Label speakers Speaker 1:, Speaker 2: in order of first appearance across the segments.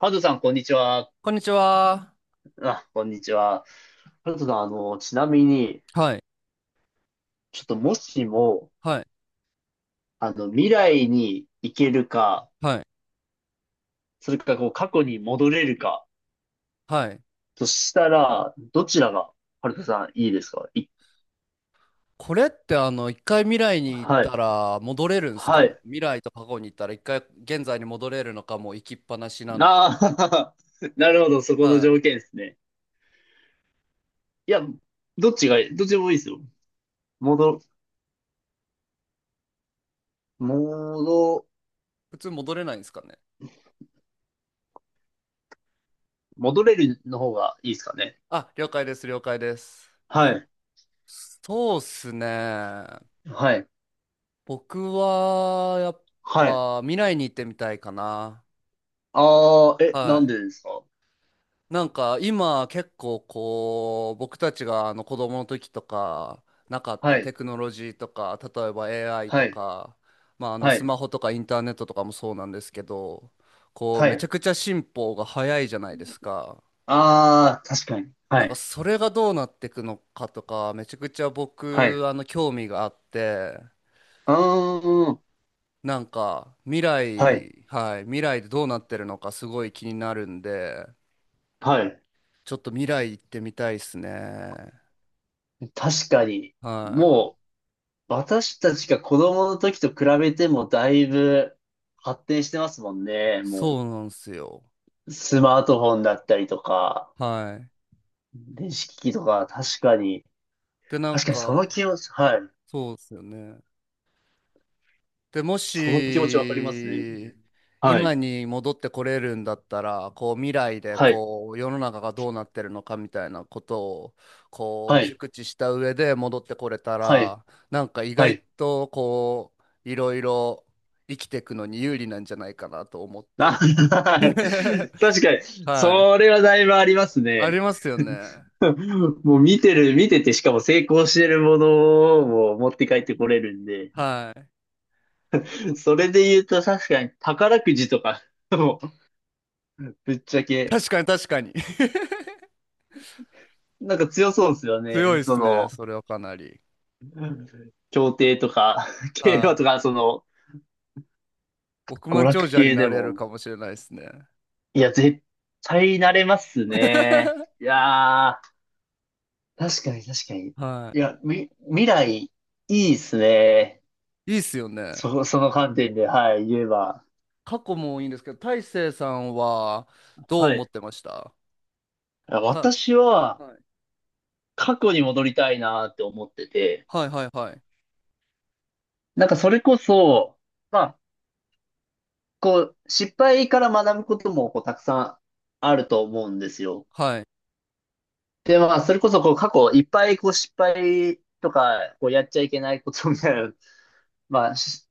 Speaker 1: ハルトさん、こんにちは。
Speaker 2: こんにちは。
Speaker 1: あ、こんにちは。ハルトさん、ちなみに、
Speaker 2: はい、
Speaker 1: ちょっともしも、
Speaker 2: はい、
Speaker 1: 未来に行けるか、
Speaker 2: はい、
Speaker 1: それか、こう、過去に戻れるか、
Speaker 2: はい。
Speaker 1: としたら、どちらが、ハルトさん、いいですかい。
Speaker 2: これって一回未来に行っ
Speaker 1: は
Speaker 2: た
Speaker 1: い。
Speaker 2: ら戻れるんすか
Speaker 1: は
Speaker 2: ね？
Speaker 1: い。
Speaker 2: 未来と過去に行ったら一回現在に戻れるのか、もう行きっぱなしなのか。
Speaker 1: あなるほど、そこの
Speaker 2: はい。
Speaker 1: 条件ですね。いや、どっちがいい、どっちでもいいですよ。戻、戻、
Speaker 2: 普通戻れないんですかね？
Speaker 1: 戻れるの方がいいですかね。
Speaker 2: あ、了解です、了解です。
Speaker 1: はい。
Speaker 2: そうっすね。
Speaker 1: はい。
Speaker 2: 僕は、やっ
Speaker 1: はい。
Speaker 2: ぱ、未来に行ってみたいかな。
Speaker 1: ああ、え、な
Speaker 2: は
Speaker 1: ん
Speaker 2: い。
Speaker 1: でですか？
Speaker 2: なんか今結構こう僕たちがあの子供の時とかなかった
Speaker 1: は
Speaker 2: テ
Speaker 1: い。
Speaker 2: クノロジーとか例えば AI
Speaker 1: は
Speaker 2: と
Speaker 1: い、
Speaker 2: か、まあ、あの
Speaker 1: は
Speaker 2: ス
Speaker 1: い、
Speaker 2: マホとかインターネットとかもそうなんですけど、こう
Speaker 1: は
Speaker 2: めちゃ
Speaker 1: い。
Speaker 2: くちゃ進歩が早いじゃないですか。
Speaker 1: ああ、確かに。
Speaker 2: な
Speaker 1: は
Speaker 2: んか
Speaker 1: い、
Speaker 2: それがどうなっていくのかとかめちゃくちゃ
Speaker 1: はい。
Speaker 2: 僕
Speaker 1: う
Speaker 2: 興味があって、
Speaker 1: ーん、
Speaker 2: なんか未
Speaker 1: はい、
Speaker 2: 来、はい、未来でどうなってるのかすごい気になるんで、
Speaker 1: はい。
Speaker 2: ちょっと未来行ってみたいですね。
Speaker 1: 確かに。
Speaker 2: はい、
Speaker 1: もう、私たちが子供の時と比べてもだいぶ発展してますもんね。も
Speaker 2: そうなんですよ。
Speaker 1: う、スマートフォンだったりとか、
Speaker 2: はい。
Speaker 1: 電子機器とか、確かに。
Speaker 2: で、なん
Speaker 1: 確かにそ
Speaker 2: か、
Speaker 1: の気持ち、はい。
Speaker 2: そうですよね。で、も
Speaker 1: その気持ちわかりますね。
Speaker 2: し、
Speaker 1: は
Speaker 2: 今
Speaker 1: い、
Speaker 2: に戻ってこれるんだったら、こう、未来で、
Speaker 1: はい、
Speaker 2: こう、世の中がどうなってるのかみたいなことを、こう、
Speaker 1: はい、
Speaker 2: 熟知した上で戻ってこれた
Speaker 1: はい、
Speaker 2: ら、なんか意
Speaker 1: は
Speaker 2: 外
Speaker 1: い。
Speaker 2: と、こう、いろいろ生きていくのに有利なんじゃないかなと思っ
Speaker 1: あ、
Speaker 2: て。
Speaker 1: 確かに、
Speaker 2: は
Speaker 1: そ
Speaker 2: い。
Speaker 1: れはだいぶあります
Speaker 2: あり
Speaker 1: ね。
Speaker 2: ますよね。
Speaker 1: もう見てて、しかも成功してるものを持って帰ってこれるんで、
Speaker 2: はい。
Speaker 1: それで言うと確かに宝くじとか、もうぶっちゃけ、
Speaker 2: 確かに確かに。
Speaker 1: なんか強そうですよ
Speaker 2: 強
Speaker 1: ね。
Speaker 2: いで
Speaker 1: そ
Speaker 2: すね、
Speaker 1: の、
Speaker 2: それはかなり。
Speaker 1: 競艇とか、競
Speaker 2: は
Speaker 1: 馬と
Speaker 2: い。
Speaker 1: か、その、
Speaker 2: 億
Speaker 1: 娯
Speaker 2: 万
Speaker 1: 楽
Speaker 2: 長者に
Speaker 1: 系
Speaker 2: な
Speaker 1: で
Speaker 2: れる
Speaker 1: も。
Speaker 2: かもしれないですね。
Speaker 1: いや、絶対慣れますね。い やー。確かに確かに。い
Speaker 2: は
Speaker 1: や、未来、いいですね。
Speaker 2: い。いいっすよね。
Speaker 1: その観点で、はい、言えば。
Speaker 2: 過去もいいんですけど、大成さんはどう
Speaker 1: は
Speaker 2: 思っ
Speaker 1: い。
Speaker 2: てました？た、
Speaker 1: 私は、
Speaker 2: はい、
Speaker 1: 過去に戻りたいなって思ってて、
Speaker 2: はいはいはい。
Speaker 1: なんかそれこそ、まあ、こう、失敗から学ぶことも、こう、たくさんあると思うんですよ。
Speaker 2: はい。
Speaker 1: で、まあ、それこそ、こう、過去、いっぱい、こう、失敗とか、こう、やっちゃいけないことみたいなの、まあ、し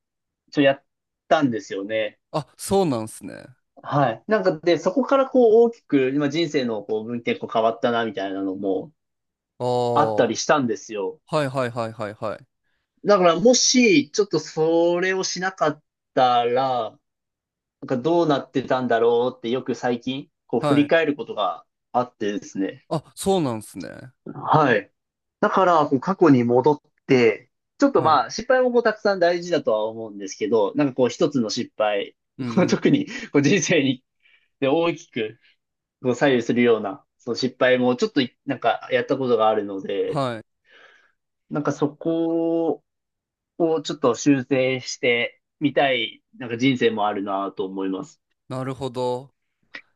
Speaker 1: ちょ、やったんですよね。
Speaker 2: あ、そうなんすね。
Speaker 1: はい。なんかで、そこからこう大きく、今人生のこう分岐点こう変わったなみたいなのも
Speaker 2: ああ、
Speaker 1: あった
Speaker 2: は
Speaker 1: りしたんですよ。
Speaker 2: いはいはいはいはい。
Speaker 1: だからもし、ちょっとそれをしなかったら、なんかどうなってたんだろうってよく最近、こう振
Speaker 2: は
Speaker 1: り
Speaker 2: い。
Speaker 1: 返ることがあってですね。
Speaker 2: あ、そうなんすね。
Speaker 1: はい。だから、こう過去に戻って、ちょっと
Speaker 2: はい。
Speaker 1: まあ、失敗もこうたくさん大事だとは思うんですけど、なんかこう一つの失敗、
Speaker 2: うんう ん。
Speaker 1: 特にこう人生にで大きくこう左右するような、その失敗もちょっとい、なんかやったことがあるので、
Speaker 2: はい。
Speaker 1: なんかそこをちょっと修正してみたい、なんか人生もあるなと思います。
Speaker 2: なるほど。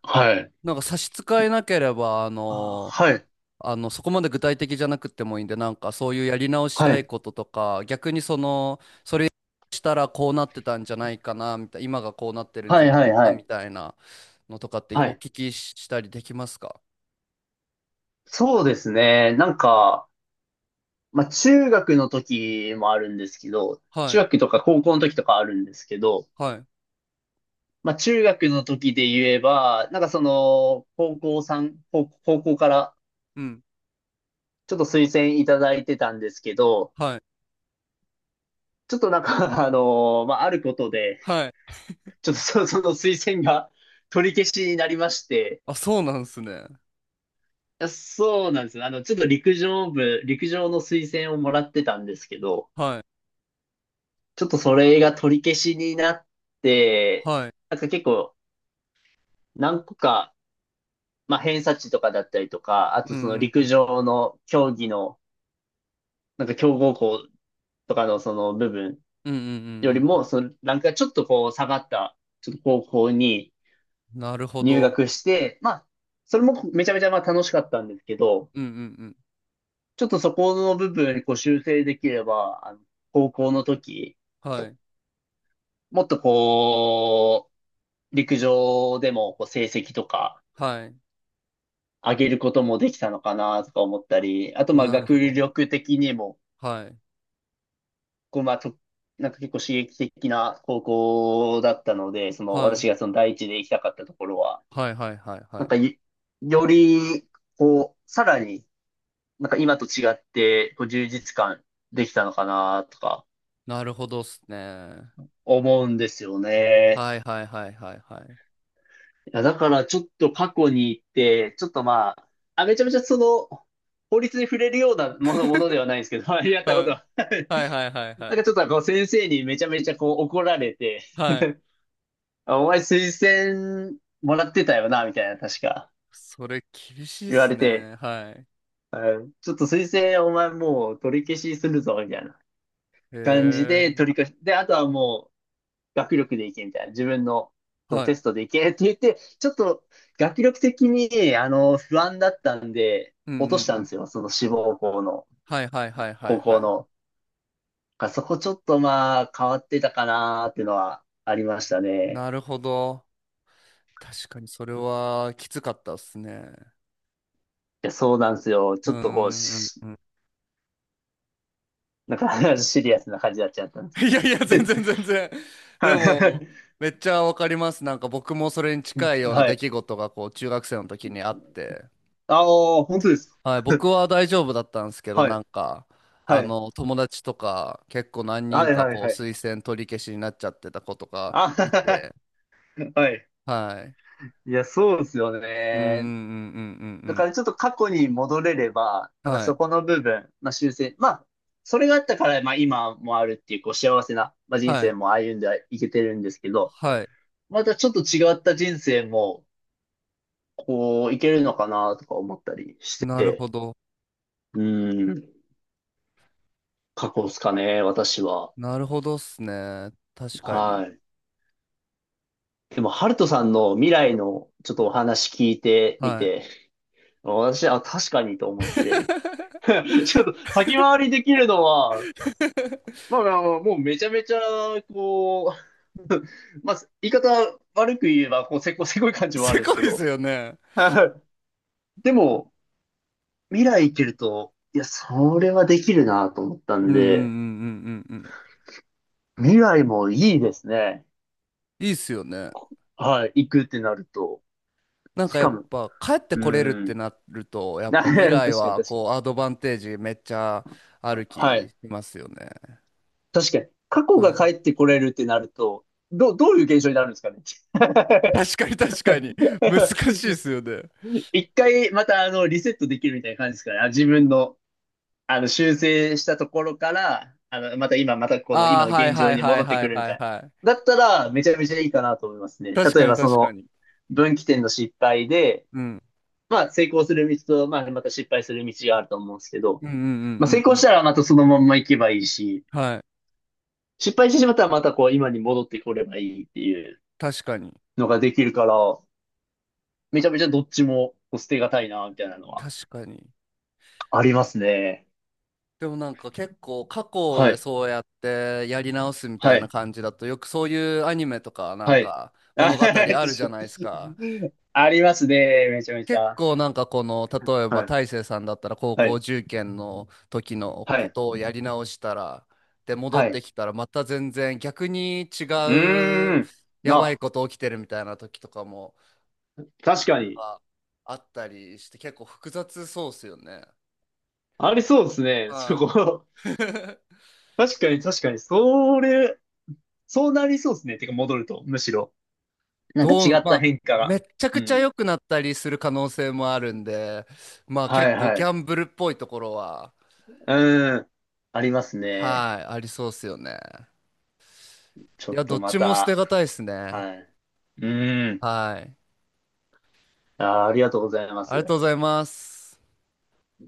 Speaker 1: はい。
Speaker 2: なんか差し支えなければ、
Speaker 1: あ、はい。
Speaker 2: そこまで具体的じゃなくてもいいんで、なんかそういうやり直し
Speaker 1: は
Speaker 2: たい
Speaker 1: い。
Speaker 2: こととか、逆にその、それしたらこうなってたんじゃないかな、みたいな、今がこうなってるんじ
Speaker 1: は
Speaker 2: ゃ
Speaker 1: い
Speaker 2: ないか
Speaker 1: はいは
Speaker 2: な、み
Speaker 1: い。
Speaker 2: たいなのとかって
Speaker 1: は
Speaker 2: お
Speaker 1: い。
Speaker 2: 聞きしたりできますか？
Speaker 1: そうですね。なんか、まあ中学の時もあるんですけど、
Speaker 2: は
Speaker 1: 中
Speaker 2: い、
Speaker 1: 学とか高校の時とかあるんですけど、
Speaker 2: はい、
Speaker 1: まあ中学の時で言えば、なんかその、高校さん、高高校から
Speaker 2: うん、
Speaker 1: ちょっと推薦いただいてたんですけど、
Speaker 2: はい、
Speaker 1: ちょっとなんか、まあ、あることで、
Speaker 2: はい。
Speaker 1: ちょっとそ、その推薦が取り消しになりまして、
Speaker 2: あ、そうなんですね。
Speaker 1: いや、そうなんですよ。ちょっと陸上部、陸上の推薦をもらってたんですけど、
Speaker 2: はい、
Speaker 1: ちょっとそれが取り消しになって、
Speaker 2: はい。
Speaker 1: なんか結構何個か、まあ、偏差値とかだったりとか、あと
Speaker 2: うん、
Speaker 1: その
Speaker 2: うん、う
Speaker 1: 陸
Speaker 2: ん、
Speaker 1: 上の競技の、なんか強豪校とかのその部分
Speaker 2: うん、う
Speaker 1: より
Speaker 2: ん、うん
Speaker 1: も、そのランクがちょっとこう下がった、ちょっと高校に、
Speaker 2: うん。なるほ
Speaker 1: 入
Speaker 2: ど。
Speaker 1: 学して、まあ、それもめちゃめちゃまあ楽しかったんですけど、
Speaker 2: うん、うん、うん。
Speaker 1: ちょっとそこの部分こう修正できれば、高校の時、
Speaker 2: はい、
Speaker 1: もっとこう、陸上でもこう成績とか
Speaker 2: はい。
Speaker 1: 上げることもできたのかなとか思ったり、あとまあ
Speaker 2: なるほ
Speaker 1: 学
Speaker 2: ど。
Speaker 1: 力的にも、
Speaker 2: はい、
Speaker 1: こうまあと、なんか結構刺激的な高校だったので、その
Speaker 2: はい、
Speaker 1: 私がその第一で行きたかったところは、
Speaker 2: はい、はい、はい、は
Speaker 1: なん
Speaker 2: い。
Speaker 1: かいより、こう、さらになんか今と違って、こう充実感できたのかなとか
Speaker 2: なるほどっすね。
Speaker 1: 思うんですよね。
Speaker 2: はいはいはいはいはい。
Speaker 1: いや、だからちょっと過去に行って、ちょっとまあ、あ、めちゃめちゃその、法律に触れるようなものではないんですけど、やったこと
Speaker 2: は
Speaker 1: は。
Speaker 2: い。はいはいはい
Speaker 1: なん
Speaker 2: は
Speaker 1: か
Speaker 2: い。
Speaker 1: ちょっとこう先生にめちゃめちゃこう怒られて、
Speaker 2: はい。
Speaker 1: あ、お前推薦もらってたよな、みたいな、確か
Speaker 2: それ厳しいっ
Speaker 1: 言わ
Speaker 2: す
Speaker 1: れて、
Speaker 2: ね。はい。
Speaker 1: うんちょっと推薦お前もう取り消しするぞ、みたいな。感じ
Speaker 2: へ
Speaker 1: で
Speaker 2: え。
Speaker 1: 取り返し、で、あとはもう学力でいけみたいな、自分のそう
Speaker 2: はい。
Speaker 1: テストでいけって言って、ちょっと学力的に、不安だったんで、
Speaker 2: うんうん
Speaker 1: 落とした
Speaker 2: う
Speaker 1: ん
Speaker 2: ん。
Speaker 1: ですよ、その志望校の、
Speaker 2: はいはいはいはい
Speaker 1: 高
Speaker 2: は
Speaker 1: 校
Speaker 2: い。
Speaker 1: の。だからそこちょっとまあ変わってたかなーっていうのはありました
Speaker 2: な
Speaker 1: ね。
Speaker 2: るほど。確かにそれはきつかったっすね。
Speaker 1: いや、そうなんですよ。ち
Speaker 2: うー
Speaker 1: ょ
Speaker 2: ん、
Speaker 1: っとこう、
Speaker 2: うんうん。
Speaker 1: なんか シリアスな感じになっちゃったんで す。
Speaker 2: いやいや、全然 全然。で
Speaker 1: は
Speaker 2: も、
Speaker 1: い。
Speaker 2: めっちゃわかります。なんか僕もそれに近いような
Speaker 1: は
Speaker 2: 出
Speaker 1: い。
Speaker 2: 来事がこう中学生の時にあって。
Speaker 1: ああ、本当ですか。
Speaker 2: はい、僕は大丈夫だったんですけ ど、
Speaker 1: は
Speaker 2: な
Speaker 1: い。
Speaker 2: んか、
Speaker 1: はい。
Speaker 2: 友達とか、結構何人
Speaker 1: はい、
Speaker 2: か、
Speaker 1: はい、
Speaker 2: こう、
Speaker 1: はい。
Speaker 2: 推薦取り消しになっちゃってた子とか
Speaker 1: あ
Speaker 2: いて、
Speaker 1: はい。
Speaker 2: はい。
Speaker 1: いや、そうですよ
Speaker 2: うんうんう
Speaker 1: ね。
Speaker 2: んうん
Speaker 1: だ
Speaker 2: う
Speaker 1: か
Speaker 2: ん
Speaker 1: らちょっと過去に戻れれば、
Speaker 2: うん。
Speaker 1: なんか
Speaker 2: はい。
Speaker 1: そこの部分、まあ修正、まあ、それがあったから、まあ今もあるっていう、こう幸せな、まあ、人
Speaker 2: は
Speaker 1: 生
Speaker 2: い。
Speaker 1: も歩んでいけてるんですけど、
Speaker 2: はい。
Speaker 1: またちょっと違った人生も、こう、いけるのかなとか思ったりし
Speaker 2: なるほ
Speaker 1: て、
Speaker 2: ど。
Speaker 1: うん、過去ですかね、私は。
Speaker 2: なるほどっすね。確か
Speaker 1: は
Speaker 2: に。
Speaker 1: い。でも、ハルトさんの未来のちょっとお話聞いてみ
Speaker 2: は
Speaker 1: て、私はあ、確かにと
Speaker 2: い。
Speaker 1: 思って、ちょっと先回りできるのは、まあまあ、もうめちゃめちゃ、こう、まあ、言い方悪く言えば、こう、せこせこい感じもあ
Speaker 2: す
Speaker 1: るんで
Speaker 2: ご
Speaker 1: すけ
Speaker 2: いっす
Speaker 1: ど。
Speaker 2: よね。
Speaker 1: はい。でも、未来行けると、いや、それはできるなと思った
Speaker 2: う
Speaker 1: ん
Speaker 2: んうんうんう
Speaker 1: で、
Speaker 2: んうんうん。
Speaker 1: 未来もいいですね。
Speaker 2: いいっすよね。
Speaker 1: はい、行くってなると。
Speaker 2: なん
Speaker 1: し
Speaker 2: かや
Speaker 1: か
Speaker 2: っ
Speaker 1: も、
Speaker 2: ぱ帰って
Speaker 1: う
Speaker 2: これるって
Speaker 1: ん。
Speaker 2: なると、や っぱ
Speaker 1: 確
Speaker 2: 未来
Speaker 1: かに確
Speaker 2: は
Speaker 1: かに。
Speaker 2: こうアドバンテージめっちゃある
Speaker 1: は
Speaker 2: 気
Speaker 1: い。
Speaker 2: しますよね。
Speaker 1: 確かに。過去
Speaker 2: は
Speaker 1: が
Speaker 2: い。
Speaker 1: 帰ってこれるってなると、どういう現象になるんですかね。
Speaker 2: 確かに確かに。難 しいですよね。
Speaker 1: 一回またリセットできるみたいな感じですから、あ、自分のあの修正したところから、また今、またこの
Speaker 2: あ
Speaker 1: 今
Speaker 2: あ、
Speaker 1: の
Speaker 2: はい
Speaker 1: 現状
Speaker 2: はい
Speaker 1: に
Speaker 2: はい
Speaker 1: 戻って
Speaker 2: は
Speaker 1: く
Speaker 2: い
Speaker 1: るみ
Speaker 2: は
Speaker 1: た
Speaker 2: い
Speaker 1: い
Speaker 2: はい。
Speaker 1: な。だったらめちゃめちゃいいかなと思いますね。
Speaker 2: 確
Speaker 1: 例
Speaker 2: か
Speaker 1: え
Speaker 2: に
Speaker 1: ばそ
Speaker 2: 確か
Speaker 1: の
Speaker 2: に。
Speaker 1: 分岐点の失敗で、
Speaker 2: うん。
Speaker 1: まあ成功する道と、まあまた失敗する道があると思うんですけど、
Speaker 2: うんうんう
Speaker 1: まあ成
Speaker 2: んうんう
Speaker 1: 功し
Speaker 2: ん。
Speaker 1: たらまたそのまんま行けばいいし、
Speaker 2: はい。
Speaker 1: 失敗してしまったらまたこう今に戻ってこればいいっていう
Speaker 2: 確かに。
Speaker 1: のができるから、めちゃめちゃどっちもこう捨てがたいな、みたいなのは
Speaker 2: 確かに。
Speaker 1: ありますね。
Speaker 2: でもなんか結構過去
Speaker 1: は
Speaker 2: で
Speaker 1: い。
Speaker 2: そうやってやり直すみた
Speaker 1: は
Speaker 2: いな
Speaker 1: い。
Speaker 2: 感じだとよくそういうアニメとかなん
Speaker 1: はい。
Speaker 2: か
Speaker 1: あ、
Speaker 2: 物 語
Speaker 1: 確
Speaker 2: あ
Speaker 1: か
Speaker 2: るじゃないですか。
Speaker 1: に。ありますね。めちゃめち
Speaker 2: 結
Speaker 1: ゃ。
Speaker 2: 構なんかこの、例え
Speaker 1: は
Speaker 2: ば
Speaker 1: い。
Speaker 2: 大成さんだったら高
Speaker 1: は
Speaker 2: 校
Speaker 1: い。
Speaker 2: 受験の時の
Speaker 1: は
Speaker 2: こ
Speaker 1: い。
Speaker 2: とをやり直したら、で、戻
Speaker 1: は
Speaker 2: っ
Speaker 1: い。
Speaker 2: て
Speaker 1: う
Speaker 2: きたらまた全然逆に違
Speaker 1: ー
Speaker 2: う
Speaker 1: ん。
Speaker 2: やばい
Speaker 1: な、
Speaker 2: こと起きてるみたいな時とかも
Speaker 1: 確かに。
Speaker 2: あ、あったりして結構複雑そうっすよね。
Speaker 1: ありそうですね。そ
Speaker 2: は
Speaker 1: こ。
Speaker 2: い。
Speaker 1: 確かに、確かに。それ、そうなりそうですね。てか、戻ると、むしろ。なんか違っ
Speaker 2: ま
Speaker 1: た
Speaker 2: あ、
Speaker 1: 変化
Speaker 2: め
Speaker 1: が。
Speaker 2: っちゃ
Speaker 1: う
Speaker 2: くちゃ
Speaker 1: ん。
Speaker 2: 良くなったりする可能性もあるんで、まあ
Speaker 1: は
Speaker 2: 結
Speaker 1: い、
Speaker 2: 構
Speaker 1: は
Speaker 2: ギ
Speaker 1: い。
Speaker 2: ャンブルっぽいところは、
Speaker 1: うーん。ありますね。
Speaker 2: はい、ありそうっすよね。
Speaker 1: ちょ
Speaker 2: いや、
Speaker 1: っ
Speaker 2: ど
Speaker 1: と
Speaker 2: っ
Speaker 1: ま
Speaker 2: ちも捨て
Speaker 1: た。
Speaker 2: がたいっすね。
Speaker 1: はい。うーん。
Speaker 2: はい。
Speaker 1: あー、ありがとうございま
Speaker 2: ありが
Speaker 1: す。
Speaker 2: とうございます。